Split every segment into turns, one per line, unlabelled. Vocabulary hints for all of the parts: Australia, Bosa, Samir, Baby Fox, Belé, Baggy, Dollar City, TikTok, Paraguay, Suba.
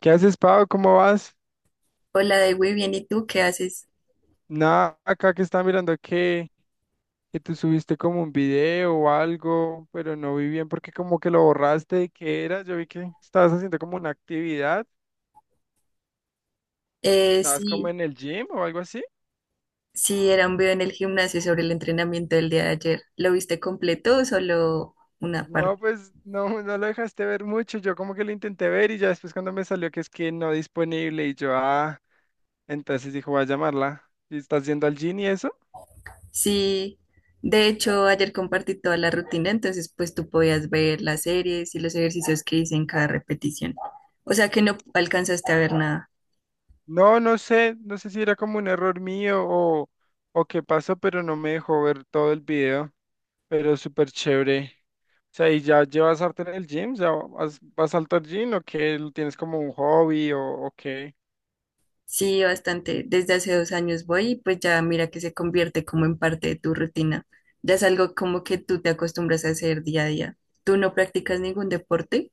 ¿Qué haces, Pau? ¿Cómo vas?
Hola, de güey, bien, ¿y tú qué haces?
Nada, acá que está mirando que tú subiste como un video o algo, pero no vi bien porque como que lo borraste. ¿Qué era? Yo vi que estabas haciendo como una actividad,
Eh,
estabas como
sí,
en el gym o algo así.
sí, era un video en el gimnasio sobre el entrenamiento del día de ayer. ¿Lo viste completo o solo una
No,
parte?
pues no, no lo dejaste ver mucho. Yo como que lo intenté ver y ya después cuando me salió que es que no disponible y yo, ah, entonces dijo, voy a llamarla. ¿Y estás yendo al gym y eso?
Sí, de hecho, ayer compartí toda la rutina, entonces pues tú podías ver las series y los ejercicios que hice en cada repetición. O sea que no alcanzaste a ver nada.
No, no sé, no sé si era como un error mío o qué pasó, pero no me dejó ver todo el video. Pero súper chévere. O sea, ¿y ya llevas arte en el gym? ¿Ya vas al gym o qué? ¿Lo ¿Tienes como un hobby o qué?
Sí, bastante. Desde hace 2 años voy y pues ya mira que se convierte como en parte de tu rutina. Ya es algo como que tú te acostumbras a hacer día a día. ¿Tú no practicas ningún deporte?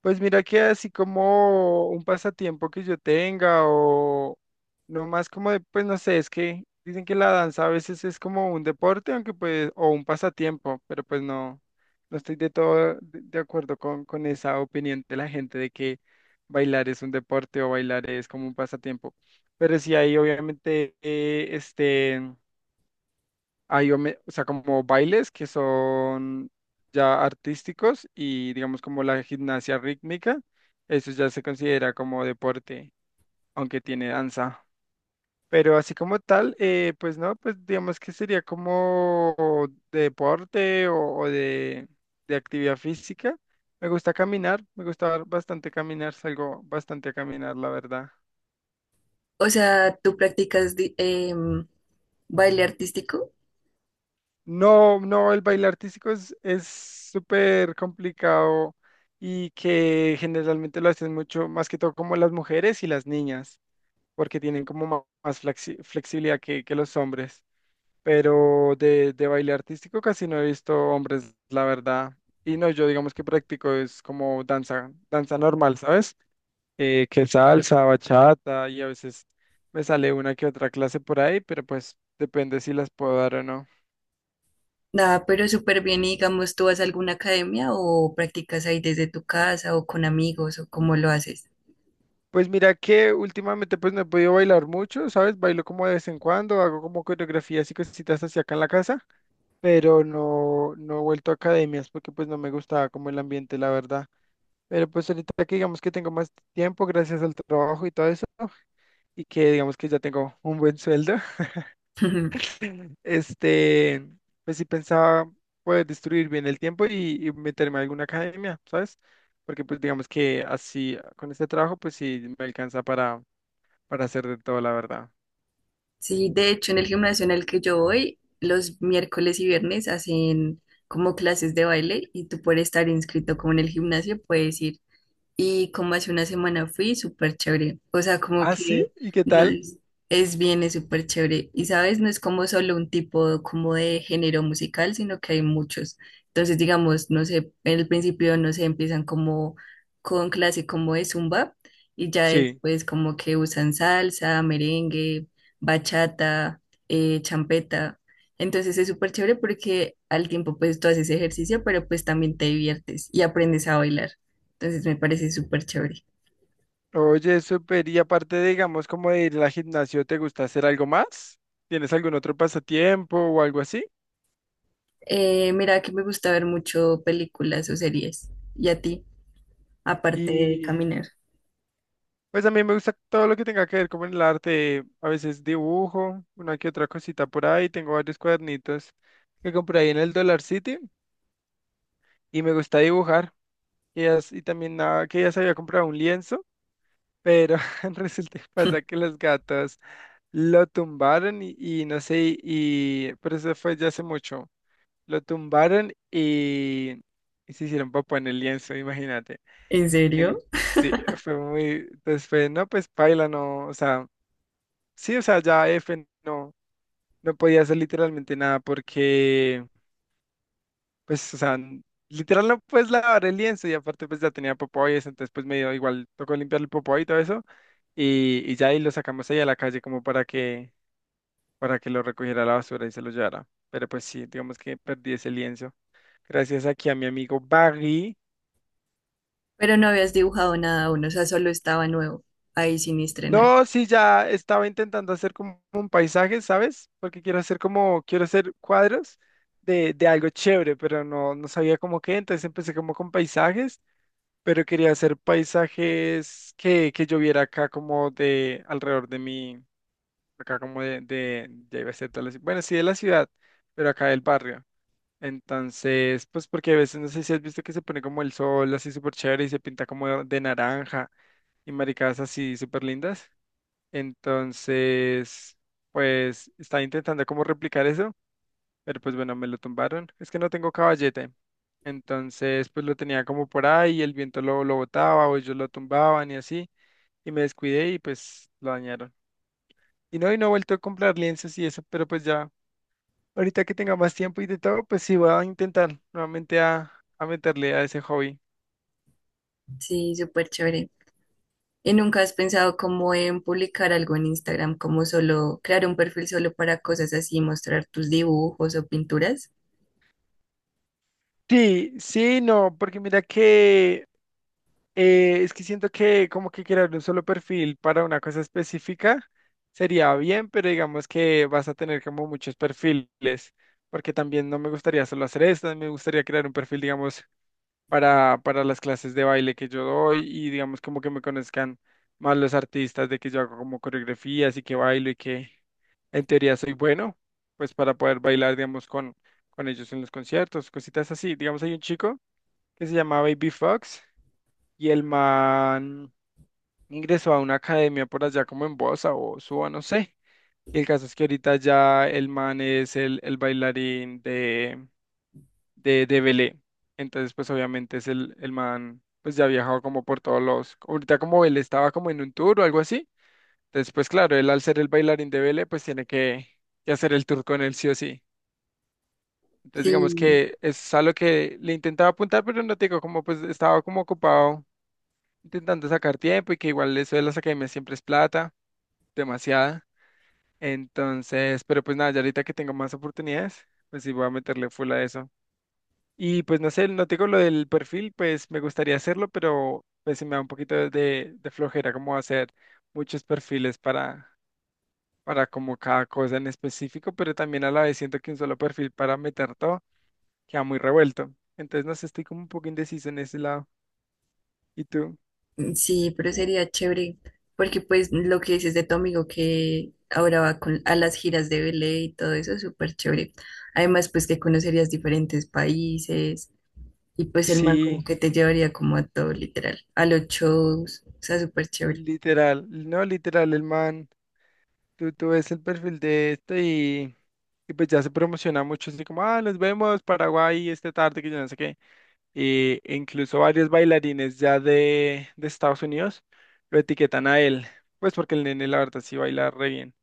Pues mira que así como un pasatiempo que yo tenga o no más como de, pues no sé, es que dicen que la danza a veces es como un deporte, aunque pues, o un pasatiempo, pero pues no, no estoy de todo de acuerdo con esa opinión de la gente de que bailar es un deporte o bailar es como un pasatiempo. Pero sí hay obviamente, o sea, como bailes que son ya artísticos y digamos como la gimnasia rítmica, eso ya se considera como deporte, aunque tiene danza. Pero así como tal, pues no, pues digamos que sería como de deporte o de actividad física. Me gusta caminar, me gusta bastante caminar, salgo bastante a caminar, la verdad.
O sea, tú practicas baile artístico,
No, no, el baile artístico es súper complicado y que generalmente lo hacen mucho, más que todo como las mujeres y las niñas, porque tienen como más flexibilidad que los hombres. Pero de baile artístico casi no he visto hombres, la verdad. Y no, yo digamos que practico es como danza, danza normal, ¿sabes? Que salsa, bachata y a veces me sale una que otra clase por ahí, pero pues depende si las puedo dar o no.
nada, pero súper bien. Y digamos, ¿tú vas a alguna academia o practicas ahí desde tu casa o con amigos o cómo lo haces?
Pues mira que últimamente pues no he podido bailar mucho, ¿sabes? Bailo como de vez en cuando, hago como coreografías y cositas así acá en la casa, pero no, no he vuelto a academias porque pues no me gustaba como el ambiente, la verdad. Pero pues ahorita que digamos que tengo más tiempo gracias al trabajo y todo eso, y que digamos que ya tengo un buen sueldo, este, pues sí pensaba poder distribuir bien el tiempo y meterme a alguna academia, ¿sabes? Porque pues digamos que así con este trabajo pues sí me alcanza para hacer de todo, la verdad.
Sí, de hecho, en el gimnasio en el que yo voy, los miércoles y viernes hacen como clases de baile y tú por estar inscrito como en el gimnasio puedes ir. Y como hace 1 semana fui, súper chévere. O sea, como
Ah, sí,
que
¿y qué
no
tal?
es, es bien, es súper chévere. Y sabes, no es como solo un tipo como de género musical, sino que hay muchos. Entonces, digamos, no sé, en el principio, no sé, empiezan como con clase como de zumba y ya
Sí.
después como que usan salsa, merengue, bachata, champeta. Entonces es súper chévere porque al tiempo pues tú haces ejercicio, pero pues también te diviertes y aprendes a bailar. Entonces me parece súper chévere.
Oye, súper. Y aparte, digamos, como de ir al gimnasio, ¿te gusta hacer algo más? ¿Tienes algún otro pasatiempo o algo así?
Mira, que me gusta ver mucho películas o series. ¿Y a ti? Aparte de
Y
caminar.
pues a mí me gusta todo lo que tenga que ver con el arte. A veces dibujo, una que otra cosita por ahí. Tengo varios cuadernitos que compré ahí en el Dollar City y me gusta dibujar. Y, y también nada, que ya se había comprado un lienzo, pero resulta que pasa que los gatos. Lo tumbaron y no sé, y pero eso fue ya hace mucho. Lo tumbaron y se hicieron popo en el lienzo, imagínate.
¿En
En,
serio?
sí, fue muy, pues fue, no, pues paila, no, o sea, sí, o sea, ya F no, no podía hacer literalmente nada porque, pues, o sea, literal no puedes lavar el lienzo y aparte pues ya tenía popó y eso, entonces pues me dio igual, tocó limpiar el popó y todo eso y ya ahí lo sacamos ahí a la calle como para que lo recogiera a la basura y se lo llevara. Pero pues sí, digamos que perdí ese lienzo. Gracias aquí a mi amigo Baggy.
Pero no habías dibujado nada aún, o sea, solo estaba nuevo, ahí sin estrenar.
No, sí, ya estaba intentando hacer como un paisaje, ¿sabes? Porque quiero hacer como, quiero hacer cuadros de algo chévere, pero no, no sabía cómo qué, entonces empecé como con paisajes, pero quería hacer paisajes que yo viera acá como de alrededor de mi, acá como ya iba a ser toda la bueno, sí de la ciudad, pero acá del barrio. Entonces, pues porque a veces no sé si has visto que se pone como el sol así súper chévere y se pinta como de naranja y maricadas así súper lindas. Entonces, pues estaba intentando como replicar eso, pero pues bueno, me lo tumbaron. Es que no tengo caballete. Entonces, pues lo tenía como por ahí y el viento lo botaba o ellos lo tumbaban y así. Y me descuidé y pues lo dañaron. Y no he vuelto a comprar lienzos y eso, pero pues ya. Ahorita que tenga más tiempo y de todo, pues sí, voy a intentar nuevamente a meterle a ese hobby.
Sí, súper chévere. ¿Y nunca has pensado como en publicar algo en Instagram, como solo crear un perfil solo para cosas así, mostrar tus dibujos o pinturas?
Sí, sí, no, porque mira que es que siento que como que crear un solo perfil para una cosa específica sería bien, pero digamos que vas a tener como muchos perfiles, porque también no me gustaría solo hacer esto, me gustaría crear un perfil, digamos, para las clases de baile que yo doy y digamos como que me conozcan más los artistas de que yo hago como coreografías y que bailo y que en teoría soy bueno, pues para poder bailar, digamos, con ellos en los conciertos, cositas así. Digamos, hay un chico que se llama Baby Fox y el man ingresó a una academia por allá como en Bosa o Suba, no sé. Y el caso es que ahorita ya el man es el bailarín de Belé. Entonces, pues obviamente es el man, pues ya ha viajado como por todos los, ahorita como Belé estaba como en un tour o algo así. Entonces, pues claro, él al ser el bailarín de Belé, pues tiene que hacer el tour con él sí o sí. Entonces, digamos
Sí.
que es algo que le intentaba apuntar, pero no te digo, como pues estaba como ocupado intentando sacar tiempo y que igual eso de las academias siempre es plata, demasiada. Entonces, pero pues nada, ya ahorita que tengo más oportunidades, pues sí voy a meterle full a eso. Y pues no sé, no tengo lo del perfil, pues me gustaría hacerlo, pero pues se me da un poquito de flojera como hacer muchos perfiles para como cada cosa en específico, pero también a la vez siento que un solo perfil para meter todo queda muy revuelto. Entonces no sé, estoy como un poco indeciso en ese lado. ¿Y tú?
Mm, sí, pero sería chévere, porque pues lo que dices de tu amigo que ahora va con, a las giras de Belé y todo eso es súper chévere. Además, pues que conocerías diferentes países y pues el man como
Sí,
que te llevaría como a todo literal, a los
li-
shows, o sea, súper chévere.
literal, no literal, el man, tú ves el perfil de este y pues ya se promociona mucho, así como, ah, nos vemos Paraguay esta tarde, que yo no sé qué. Y incluso varios bailarines ya de Estados Unidos lo etiquetan a él, pues porque el nene la verdad sí baila re bien.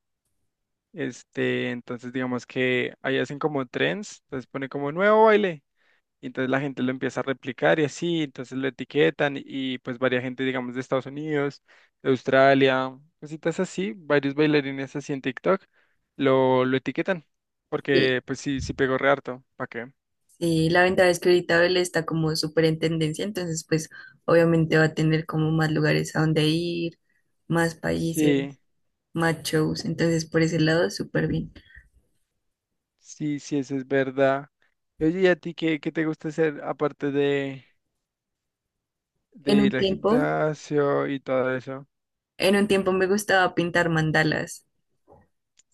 Entonces digamos que ahí hacen como trends, entonces pone como nuevo baile, y entonces la gente lo empieza a replicar y así, entonces lo etiquetan y pues varias gente, digamos, de Estados Unidos, de Australia, cositas así, varios bailarines así en TikTok lo etiquetan,
Y,
porque pues sí, sí pegó re harto, ¿para qué?
y la ventaja es que ahorita Belé está como súper en tendencia, entonces pues obviamente va a tener como más lugares a donde ir, más países,
Sí.
más shows, entonces por ese lado súper bien.
Sí, sí, eso es verdad. Oye, ¿y a ti qué te gusta hacer aparte de
En un
ir al
tiempo
gimnasio y todo eso?
En un tiempo me gustaba pintar mandalas,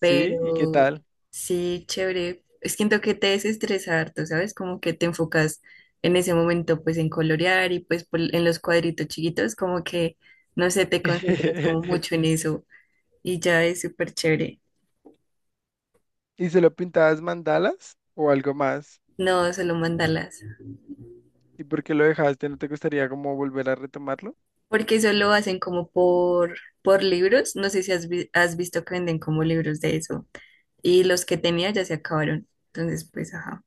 ¿Sí? ¿Y qué tal?
sí, chévere. Es que siento que te desestresa harto, ¿sabes? Como que te enfocas en ese momento pues en colorear y pues en los cuadritos chiquitos, como que, no sé, te concentras como mucho en eso y ya es súper chévere.
¿Y solo pintabas mandalas o algo más?
No, solo mandalas,
¿Y por qué lo dejaste? ¿No te gustaría como volver a retomarlo?
porque solo hacen como por libros. No sé si has, has visto que venden como libros de eso y los que tenía ya se acabaron. Entonces, pues, ajá,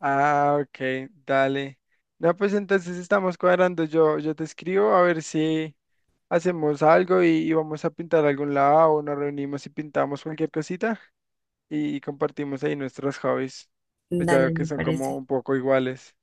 Ah, ok, dale. No, pues entonces estamos cuadrando. Yo te escribo a ver si hacemos algo y vamos a pintar a algún lado o nos reunimos y pintamos cualquier cosita. Y compartimos ahí nuestros hobbies, pues ya
dale,
que
me
son como
parece.
un poco iguales.